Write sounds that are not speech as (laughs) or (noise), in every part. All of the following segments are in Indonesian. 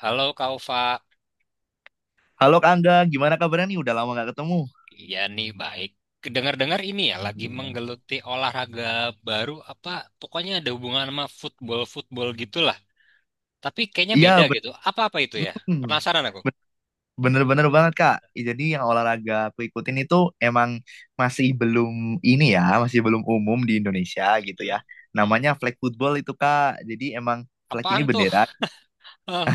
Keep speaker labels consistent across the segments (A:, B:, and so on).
A: Halo Kaufa,
B: Halo Kak Angga, gimana kabarnya nih? Udah lama nggak ketemu.
A: iya nih baik. Dengar-dengar ini ya lagi
B: Alhamdulillah.
A: menggeluti olahraga baru apa pokoknya ada hubungan sama football-football gitulah. Tapi kayaknya beda
B: Iya,
A: gitu. Apa-apa itu ya?
B: hmm,
A: Penasaran aku.
B: ben- bener-bener banget Kak. Jadi yang olahraga aku ikutin itu emang masih belum masih belum umum di Indonesia gitu
A: Hmm?
B: ya. Namanya flag football itu Kak. Jadi emang flag ini
A: Apaan tuh?
B: bendera.
A: Hah?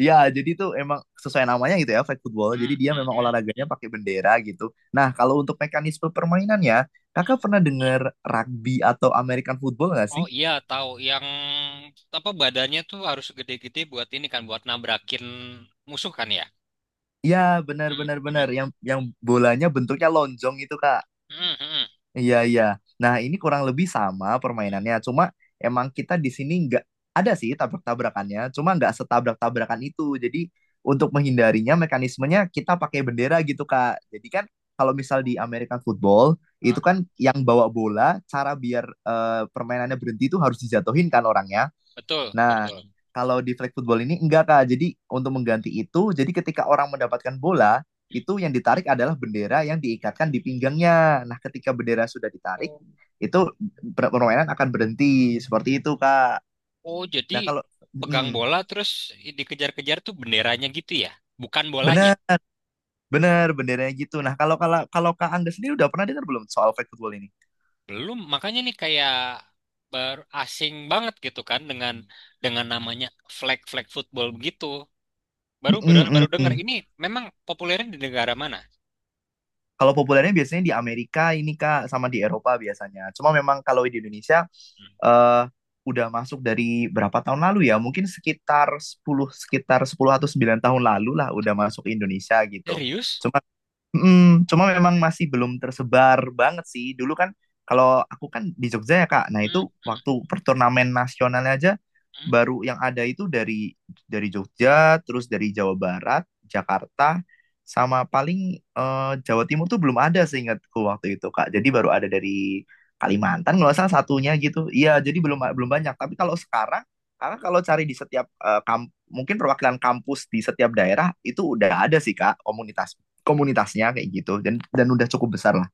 B: Iya, jadi itu emang sesuai namanya gitu ya, flag football.
A: Hmm,
B: Jadi dia
A: hmm.
B: memang olahraganya pakai bendera gitu. Nah, kalau untuk mekanisme permainannya, Kakak pernah dengar rugby atau American football nggak sih?
A: Oh iya tahu yang apa badannya tuh harus gede-gede buat ini kan buat nabrakin musuh kan ya?
B: Iya, benar
A: Hmm,
B: benar benar.
A: hmm.
B: Yang bolanya bentuknya lonjong itu, Kak.
A: Hmm, hmm.
B: Iya, iya. Nah, ini kurang lebih sama permainannya. Cuma emang kita di sini nggak ada sih tabrak-tabrakannya, cuma nggak setabrak-tabrakan itu. Jadi untuk menghindarinya mekanismenya kita pakai bendera gitu, Kak. Jadi kan kalau misal di American football itu
A: Ah,
B: kan yang bawa bola, cara biar permainannya berhenti itu harus dijatuhin kan orangnya.
A: betul,
B: Nah,
A: betul.
B: kalau di flag football ini enggak Kak. Jadi untuk mengganti itu, jadi ketika orang mendapatkan bola, itu yang ditarik adalah bendera yang diikatkan di pinggangnya. Nah, ketika bendera sudah ditarik, itu permainan akan berhenti. Seperti itu, Kak.
A: Oh, jadi
B: Nah, kalau mm,
A: pegang bola terus dikejar-kejar tuh benderanya gitu ya? Bukan bolanya.
B: benar, benar benderanya gitu. Nah, kalau kalau kalau Kak Angga sendiri udah pernah dengar belum soal flag football ini?
A: Belum, makanya nih kayak baru asing banget gitu kan dengan namanya flag flag football begitu.
B: Mm,
A: Baru baru baru
B: mm,
A: dengar
B: mm.
A: ini memang populernya di negara mana?
B: Kalau populernya biasanya di Amerika ini Kak, sama di Eropa biasanya. Cuma memang kalau di Indonesia
A: Hmm.
B: eh udah masuk dari berapa tahun lalu ya? Mungkin sekitar 10 atau 9 tahun lalu lah udah masuk Indonesia gitu.
A: Serius?
B: Cuma cuma memang masih belum tersebar banget sih. Dulu kan kalau aku kan di Jogja ya Kak. Nah
A: Hmm,
B: itu waktu
A: hmm,
B: perturnamen nasionalnya aja baru yang ada itu dari Jogja, terus dari Jawa Barat, Jakarta, sama paling Jawa Timur tuh belum ada seingatku waktu itu Kak. Jadi baru
A: hmm.
B: ada dari Kalimantan nggak salah satunya gitu. Iya jadi belum belum banyak. Tapi kalau sekarang karena kalau cari di setiap mungkin perwakilan kampus di setiap daerah itu udah ada sih Kak komunitasnya kayak gitu dan udah cukup besar lah.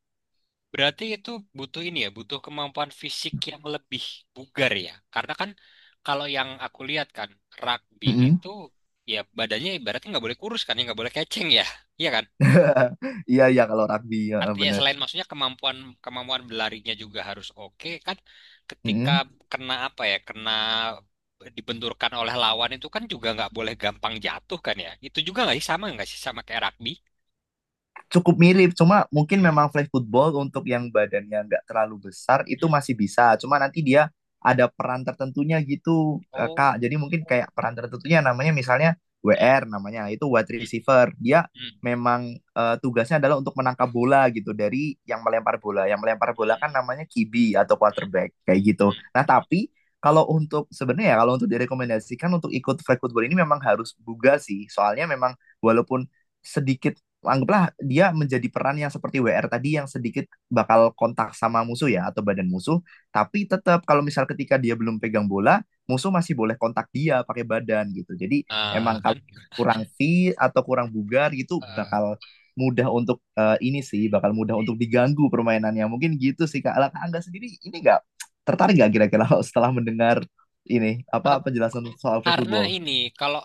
A: Berarti itu butuh ini ya, butuh kemampuan fisik yang lebih bugar ya. Karena kan kalau yang aku lihat kan rugby
B: Mm-mm.
A: itu ya badannya ibaratnya nggak boleh kurus kan, ya nggak boleh keceng ya, iya kan?
B: Iya mm-hmm. (laughs) iya ya, kalau rugby ya,
A: Artinya
B: benar.
A: selain maksudnya kemampuan kemampuan berlarinya juga harus oke kan. Ketika
B: Mm-mm.
A: kena apa ya, kena dibenturkan oleh lawan itu kan juga nggak boleh gampang jatuh kan ya. Itu juga nggak sih sama kayak rugby?
B: Cukup mirip, cuma mungkin
A: Mirip.
B: memang flag football untuk yang badannya nggak terlalu besar itu
A: Hmm.
B: masih bisa. Cuma nanti dia ada peran tertentunya gitu,
A: Oh.
B: Kak. Jadi mungkin kayak peran tertentunya namanya misalnya
A: Hmm.
B: WR namanya, itu wide
A: Hmm.
B: receiver. Dia
A: Hmm.
B: memang tugasnya adalah untuk menangkap bola gitu dari yang melempar bola. Yang melempar bola kan
A: Hmm.
B: namanya QB atau quarterback kayak gitu.
A: Hmm.
B: Nah, tapi kalau untuk sebenarnya ya kalau untuk direkomendasikan untuk ikut flag football ini memang harus buga sih. Soalnya memang walaupun sedikit anggaplah dia menjadi peran yang seperti WR tadi yang sedikit bakal kontak sama musuh ya atau badan musuh, tapi tetap kalau misal ketika dia belum pegang bola, musuh masih boleh kontak dia pakai badan gitu. Jadi
A: Nah,
B: emang
A: kan
B: kalau kurang fit atau kurang bugar gitu
A: eh,
B: bakal mudah untuk diganggu permainannya. Mungkin gitu sih Kak. Lah, Kak Angga sendiri ini nggak tertarik nggak kira-kira (laughs) setelah mendengar ini
A: eh,
B: apa penjelasan soal flag
A: karena
B: football?
A: ini kalau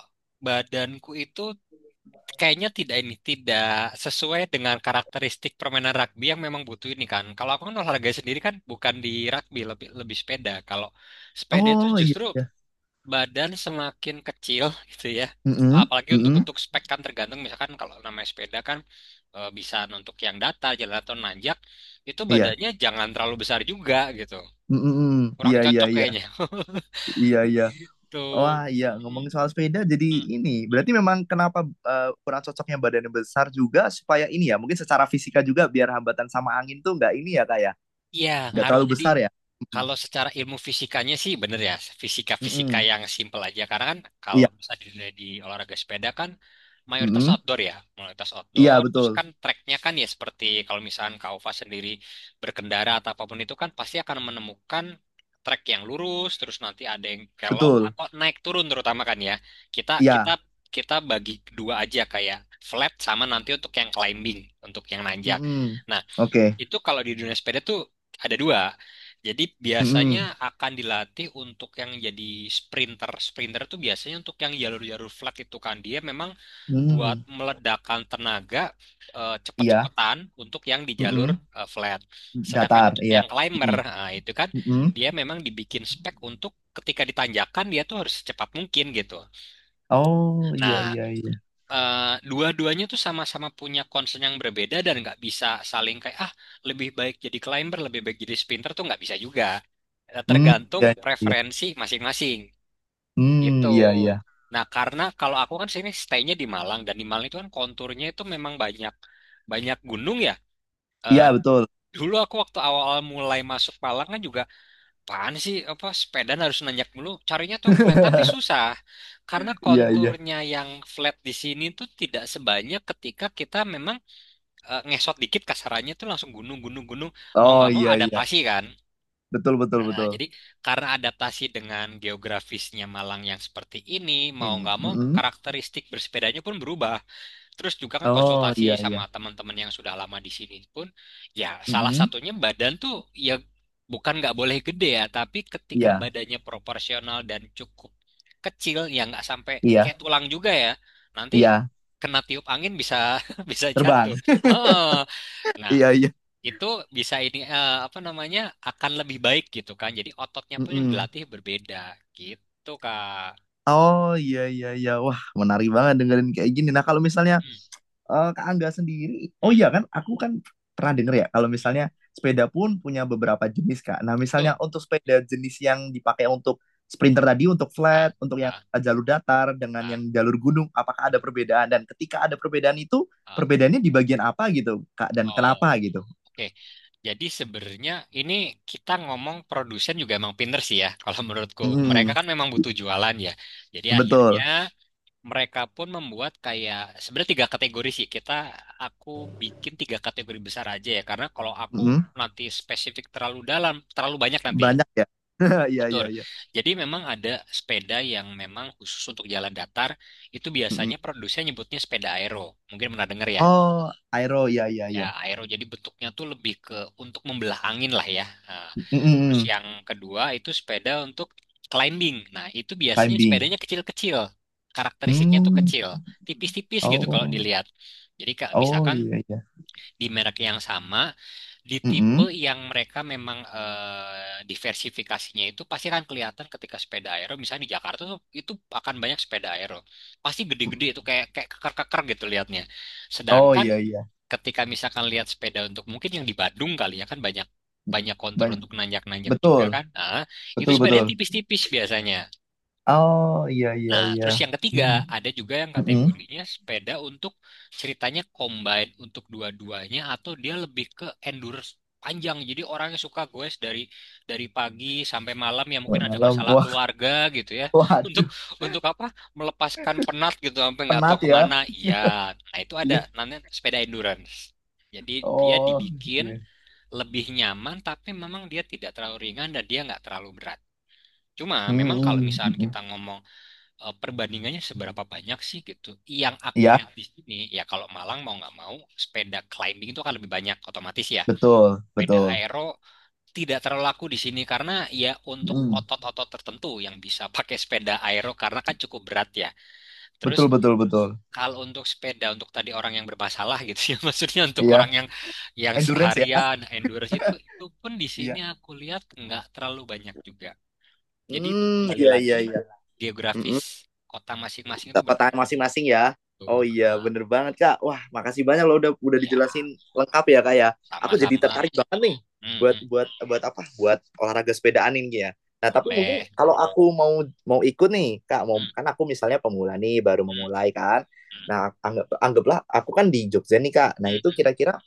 A: badanku itu kayaknya tidak ini tidak sesuai dengan karakteristik permainan rugby yang memang butuh ini kan. Kalau aku kan olahraga sendiri kan bukan di rugby, lebih lebih sepeda. Kalau sepeda itu
B: Oh iya,
A: justru
B: iya.
A: badan semakin kecil (laughs) gitu ya.
B: Mm-mm,
A: Apalagi untuk
B: mm-mm,
A: untuk spek kan tergantung misalkan kalau namanya sepeda kan bisa untuk yang datar jalan atau nanjak, itu
B: iya.
A: badannya jangan terlalu besar juga gitu.
B: Mhm, mhm.
A: Kurang
B: Iya iya
A: cocok
B: iya.
A: kayaknya. (laughs)
B: Iya iya.
A: Gitu.
B: Wah, iya
A: Hmm,
B: ngomongin soal sepeda jadi
A: hmm.
B: ini. Berarti memang kenapa kurang cocoknya badannya besar juga supaya ini ya, mungkin secara fisika juga biar hambatan sama angin tuh nggak ini ya Kak ya.
A: Iya,
B: Nggak
A: ngaruh.
B: terlalu
A: Jadi,
B: besar ya. Mhm.
A: kalau secara ilmu fisikanya sih bener ya, fisika-fisika
B: Mhm.
A: yang simple aja. Karena kan kalau
B: Iya.
A: misalnya di olahraga sepeda kan mayoritas
B: Mhm.
A: outdoor ya, mayoritas
B: Iya
A: outdoor. Terus
B: betul.
A: kan treknya kan ya seperti kalau misalkan Kak Ova sendiri berkendara atau apapun itu kan pasti akan menemukan trek yang lurus, terus nanti ada yang kelok
B: Betul.
A: atau naik turun terutama kan ya. Kita kita
B: Iya.
A: kita bagi dua aja kayak flat sama nanti untuk yang climbing, untuk yang nanjak.
B: Mhm.
A: Nah,
B: Oke.
A: itu kalau di dunia sepeda tuh ada dua. Jadi
B: Mhm.
A: biasanya akan dilatih untuk yang jadi sprinter. Sprinter tuh biasanya untuk yang jalur-jalur flat, itu kan dia memang buat
B: Mhm.
A: meledakkan tenaga,
B: Iya.
A: cepet-cepetan untuk yang di jalur
B: Mhm.
A: flat.
B: Datar,
A: Sedangkan untuk
B: iya.
A: yang climber,
B: Mhm.
A: nah, itu kan
B: Mhm.
A: dia memang dibikin spek untuk ketika ditanjakan dia tuh harus secepat mungkin gitu.
B: Oh, iya
A: Nah,
B: iya iya.
A: eh, dua-duanya tuh sama-sama punya concern yang berbeda dan nggak bisa saling kayak ah, lebih baik jadi climber, lebih baik jadi sprinter, tuh nggak bisa juga.
B: Hmm,
A: Tergantung
B: iya iya, iya.
A: preferensi masing-masing gitu.
B: Hmm, iya iya.
A: Nah, karena kalau aku kan sini stay-nya di Malang, dan di Malang itu kan konturnya itu memang banyak banyak gunung ya. Eh,
B: Iya betul.
A: Dulu aku waktu awal-awal mulai masuk Malang kan juga, apaan sih, apa sepeda harus nanjak dulu, carinya tuh yang flat tapi
B: (laughs)
A: susah, karena
B: Iya iya.
A: konturnya yang flat di sini tuh tidak sebanyak ketika kita memang ngesot dikit kasarannya tuh langsung gunung gunung gunung, mau
B: Oh
A: nggak mau
B: iya iya.
A: adaptasi kan.
B: Betul betul
A: Nah,
B: betul.
A: jadi karena adaptasi dengan geografisnya Malang yang seperti ini, mau
B: Ini.
A: nggak mau
B: Mm-mm.
A: karakteristik bersepedanya pun berubah. Terus juga kan
B: Oh iya
A: konsultasi
B: iya.
A: sama teman-teman yang sudah lama di sini pun, ya salah
B: Mm-mm.
A: satunya badan tuh ya bukan nggak boleh gede ya, tapi
B: Iya
A: ketika badannya proporsional dan cukup kecil, ya nggak sampai
B: iya
A: kayak tulang juga ya, nanti
B: iya.
A: kena tiup angin bisa (laughs) bisa
B: Terbang.
A: jatuh. Oh, nah
B: Iya iya.
A: itu bisa ini, apa namanya, akan lebih baik gitu kan. Jadi ototnya pun yang
B: Mm-mm.
A: dilatih berbeda gitu Kak.
B: Oh iya iya iya. Wah menarik banget dengerin kayak gini. Nah kalau misalnya
A: Hmm,
B: Kak Angga sendiri, oh
A: hmm,
B: iya kan, aku kan pernah denger ya, kalau
A: hmm.
B: misalnya sepeda pun punya beberapa jenis, Kak. Nah, misalnya
A: Betul.
B: untuk sepeda jenis yang dipakai untuk sprinter tadi, untuk
A: Ah,
B: flat, untuk yang
A: ah,
B: jalur datar, dengan yang
A: ah.
B: jalur gunung, apakah ada
A: Bener.
B: perbedaan? Dan ketika ada perbedaan itu,
A: Ah.
B: perbedaannya di bagian apa gitu, Kak? Dan
A: Oh,
B: kenapa gitu?
A: oke. Jadi sebenarnya ini kita ngomong produsen juga emang pinter sih ya. Kalau menurutku, mereka
B: Mm,
A: kan memang butuh jualan ya. Jadi akhirnya
B: betul.
A: mereka pun membuat kayak sebenarnya tiga kategori sih. Aku bikin tiga kategori besar aja ya. Karena kalau aku
B: Mm,
A: nanti spesifik terlalu dalam, terlalu banyak nanti, ya.
B: banyak ya. (laughs) Iya,
A: Atur.
B: iya, iya.
A: Jadi memang ada sepeda yang memang khusus untuk jalan datar. Itu
B: Mm.
A: biasanya produsen nyebutnya sepeda aero. Mungkin pernah dengar ya.
B: Oh, aero, iya, iya,
A: Ya,
B: iya.
A: aero jadi bentuknya tuh lebih ke untuk membelah angin lah ya. Nah,
B: Mm,
A: terus
B: mm, mm.
A: yang kedua itu sepeda untuk climbing. Nah, itu biasanya
B: Climbing.
A: sepedanya kecil-kecil. Karakteristiknya tuh
B: Hmm,
A: kecil, tipis-tipis gitu kalau
B: oh,
A: dilihat. Jadi Kak,
B: oh
A: misalkan
B: iya, iya.
A: di merek yang sama, di tipe yang mereka memang, diversifikasinya itu pasti akan kelihatan ketika sepeda aero. Misalnya di Jakarta tuh itu akan banyak sepeda aero. Pasti gede-gede itu
B: Mhm.
A: kayak kayak keker-keker gitu lihatnya.
B: Oh
A: Sedangkan
B: iya iya
A: ketika misalkan lihat sepeda untuk mungkin yang di Badung kali ya, kan banyak banyak kontur
B: banyak
A: untuk nanjak-nanjak juga
B: betul
A: kan. Nah, itu
B: betul
A: sepedanya
B: betul
A: tipis-tipis biasanya.
B: oh iya iya
A: Nah,
B: iya
A: terus yang ketiga
B: hmm.
A: ada juga yang
B: Mhm.
A: kategorinya sepeda untuk ceritanya combine untuk dua-duanya, atau dia lebih ke endurance panjang. Jadi orang yang suka goes dari pagi sampai malam ya
B: Sampai
A: mungkin ada
B: malam
A: masalah
B: wah
A: keluarga gitu ya.
B: (laughs)
A: (laughs) Untuk
B: waduh
A: untuk apa? Melepaskan penat gitu sampai nggak tahu
B: penat ya
A: kemana. Iya, nah itu ada
B: iya
A: namanya sepeda endurance. Jadi dia
B: oh
A: dibikin
B: iya
A: lebih nyaman, tapi memang dia tidak terlalu ringan dan dia nggak terlalu berat. Cuma memang kalau
B: Mhm,
A: misalnya kita
B: mhm,
A: ngomong, perbandingannya seberapa banyak sih gitu. Yang aku
B: iya
A: lihat di sini ya kalau Malang mau nggak mau sepeda climbing itu akan lebih banyak otomatis ya.
B: betul
A: Sepeda
B: betul
A: aero tidak terlalu laku di sini karena ya untuk
B: Mhm.
A: otot-otot tertentu yang bisa pakai sepeda aero, karena kan cukup berat ya.
B: Betul
A: Terus
B: betul betul
A: kalau untuk sepeda, untuk tadi orang yang bermasalah gitu ya, (laughs) maksudnya untuk
B: iya
A: orang yang
B: endurance ya
A: seharian endurance, itu pun di sini
B: iya
A: aku lihat nggak terlalu banyak juga. Jadi itu
B: hmm
A: kembali
B: iya iya
A: lagi
B: iya Mhm.
A: geografis kota masing-masing itu
B: Kota
A: berpengaruh.
B: masing-masing ya. Oh
A: Betul.
B: iya,
A: Ah,
B: bener banget Kak. Wah, makasih banyak loh udah
A: ya,
B: dijelasin lengkap ya Kak ya. Aku jadi
A: sama-sama.
B: tertarik banget nih
A: Hmm,
B: buat
A: hmm,
B: buat buat apa? Buat olahraga sepedaan ini ya. Nah, tapi mungkin
A: boleh.
B: kalau
A: Hmm,
B: aku mau mau ikut nih, Kak, mau
A: hmm,
B: kan aku misalnya pemula nih baru
A: hmm,
B: memulai kan.
A: hmm,
B: Nah, anggaplah aku kan di Jogja nih, Kak. Nah,
A: hmm,
B: itu
A: hmm,
B: kira-kira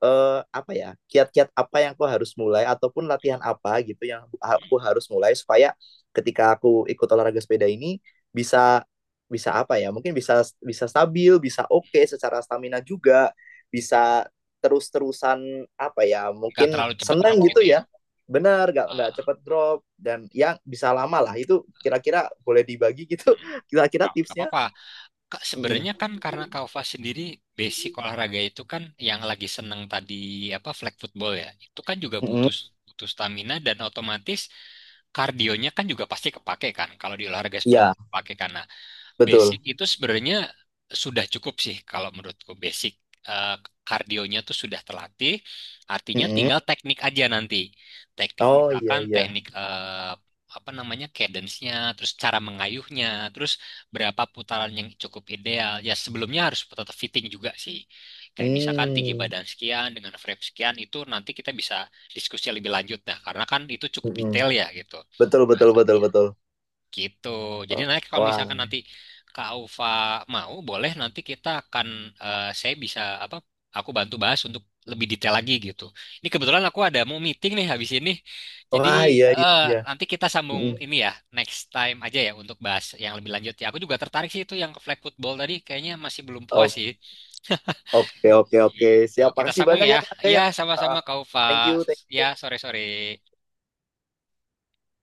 B: eh, apa ya kiat-kiat apa yang aku harus mulai ataupun latihan apa gitu yang aku
A: hmm.
B: harus mulai supaya ketika aku ikut olahraga sepeda ini bisa bisa apa ya mungkin bisa bisa stabil bisa oke secara stamina juga bisa terus-terusan apa ya
A: Nggak
B: mungkin
A: terlalu cepat drop
B: senang
A: gitu
B: gitu
A: ya.
B: ya benar nggak
A: Ah,
B: cepet drop dan yang bisa lama lah itu kira-kira boleh dibagi gitu
A: hmm.
B: (laughs) kira-kira
A: Ah, nggak
B: tipsnya.
A: apa-apa. Kak,
B: Mm-mm.
A: sebenarnya kan karena Kaufa sendiri basic olahraga itu kan yang lagi seneng tadi apa flag football ya. Itu kan juga
B: Mm-mm.
A: butuh butuh stamina dan otomatis kardionya kan juga pasti kepake kan, kalau di olahraga seperti
B: Iya,
A: itu kepake kan. Basic
B: betul.
A: itu sebenarnya sudah cukup sih, kalau menurutku basic, eh, kardionya tuh sudah terlatih, artinya
B: Mm-mm.
A: tinggal teknik aja nanti. Teknik
B: Oh iya
A: misalkan
B: iya.
A: teknik, apa namanya, cadence-nya, terus cara mengayuhnya, terus berapa putaran yang cukup ideal. Ya sebelumnya harus tetap fitting juga sih. Kayak misalkan tinggi
B: Hmm.
A: badan sekian dengan frame sekian itu nanti kita bisa diskusi lebih lanjut dah. Karena kan itu cukup
B: Mhm.
A: detail ya gitu.
B: Betul betul betul
A: Bahasannya.
B: betul.
A: Gitu. Jadi
B: Oh,
A: nanti kalau
B: wah,
A: misalkan nanti Kak Ufa mau, boleh nanti kita akan, saya bisa apa? Aku bantu bahas untuk lebih detail lagi gitu. Ini kebetulan aku ada mau meeting nih habis ini. Jadi,
B: wah iya iya
A: eh,
B: iya.
A: nanti kita sambung
B: Mhm.
A: ini ya, next time aja ya untuk bahas yang lebih lanjut ya. Aku juga tertarik sih itu yang ke flag football tadi, kayaknya masih belum puas
B: O
A: sih.
B: oke oke oke.
A: Gitu.
B: Siap,
A: Kita
B: makasih
A: sambung
B: banyak
A: ya.
B: ya Kak,
A: Ya,
B: ya. Heeh,
A: sama-sama Kak Ufa.
B: thank you, thank
A: Ya,
B: you.
A: sore-sore.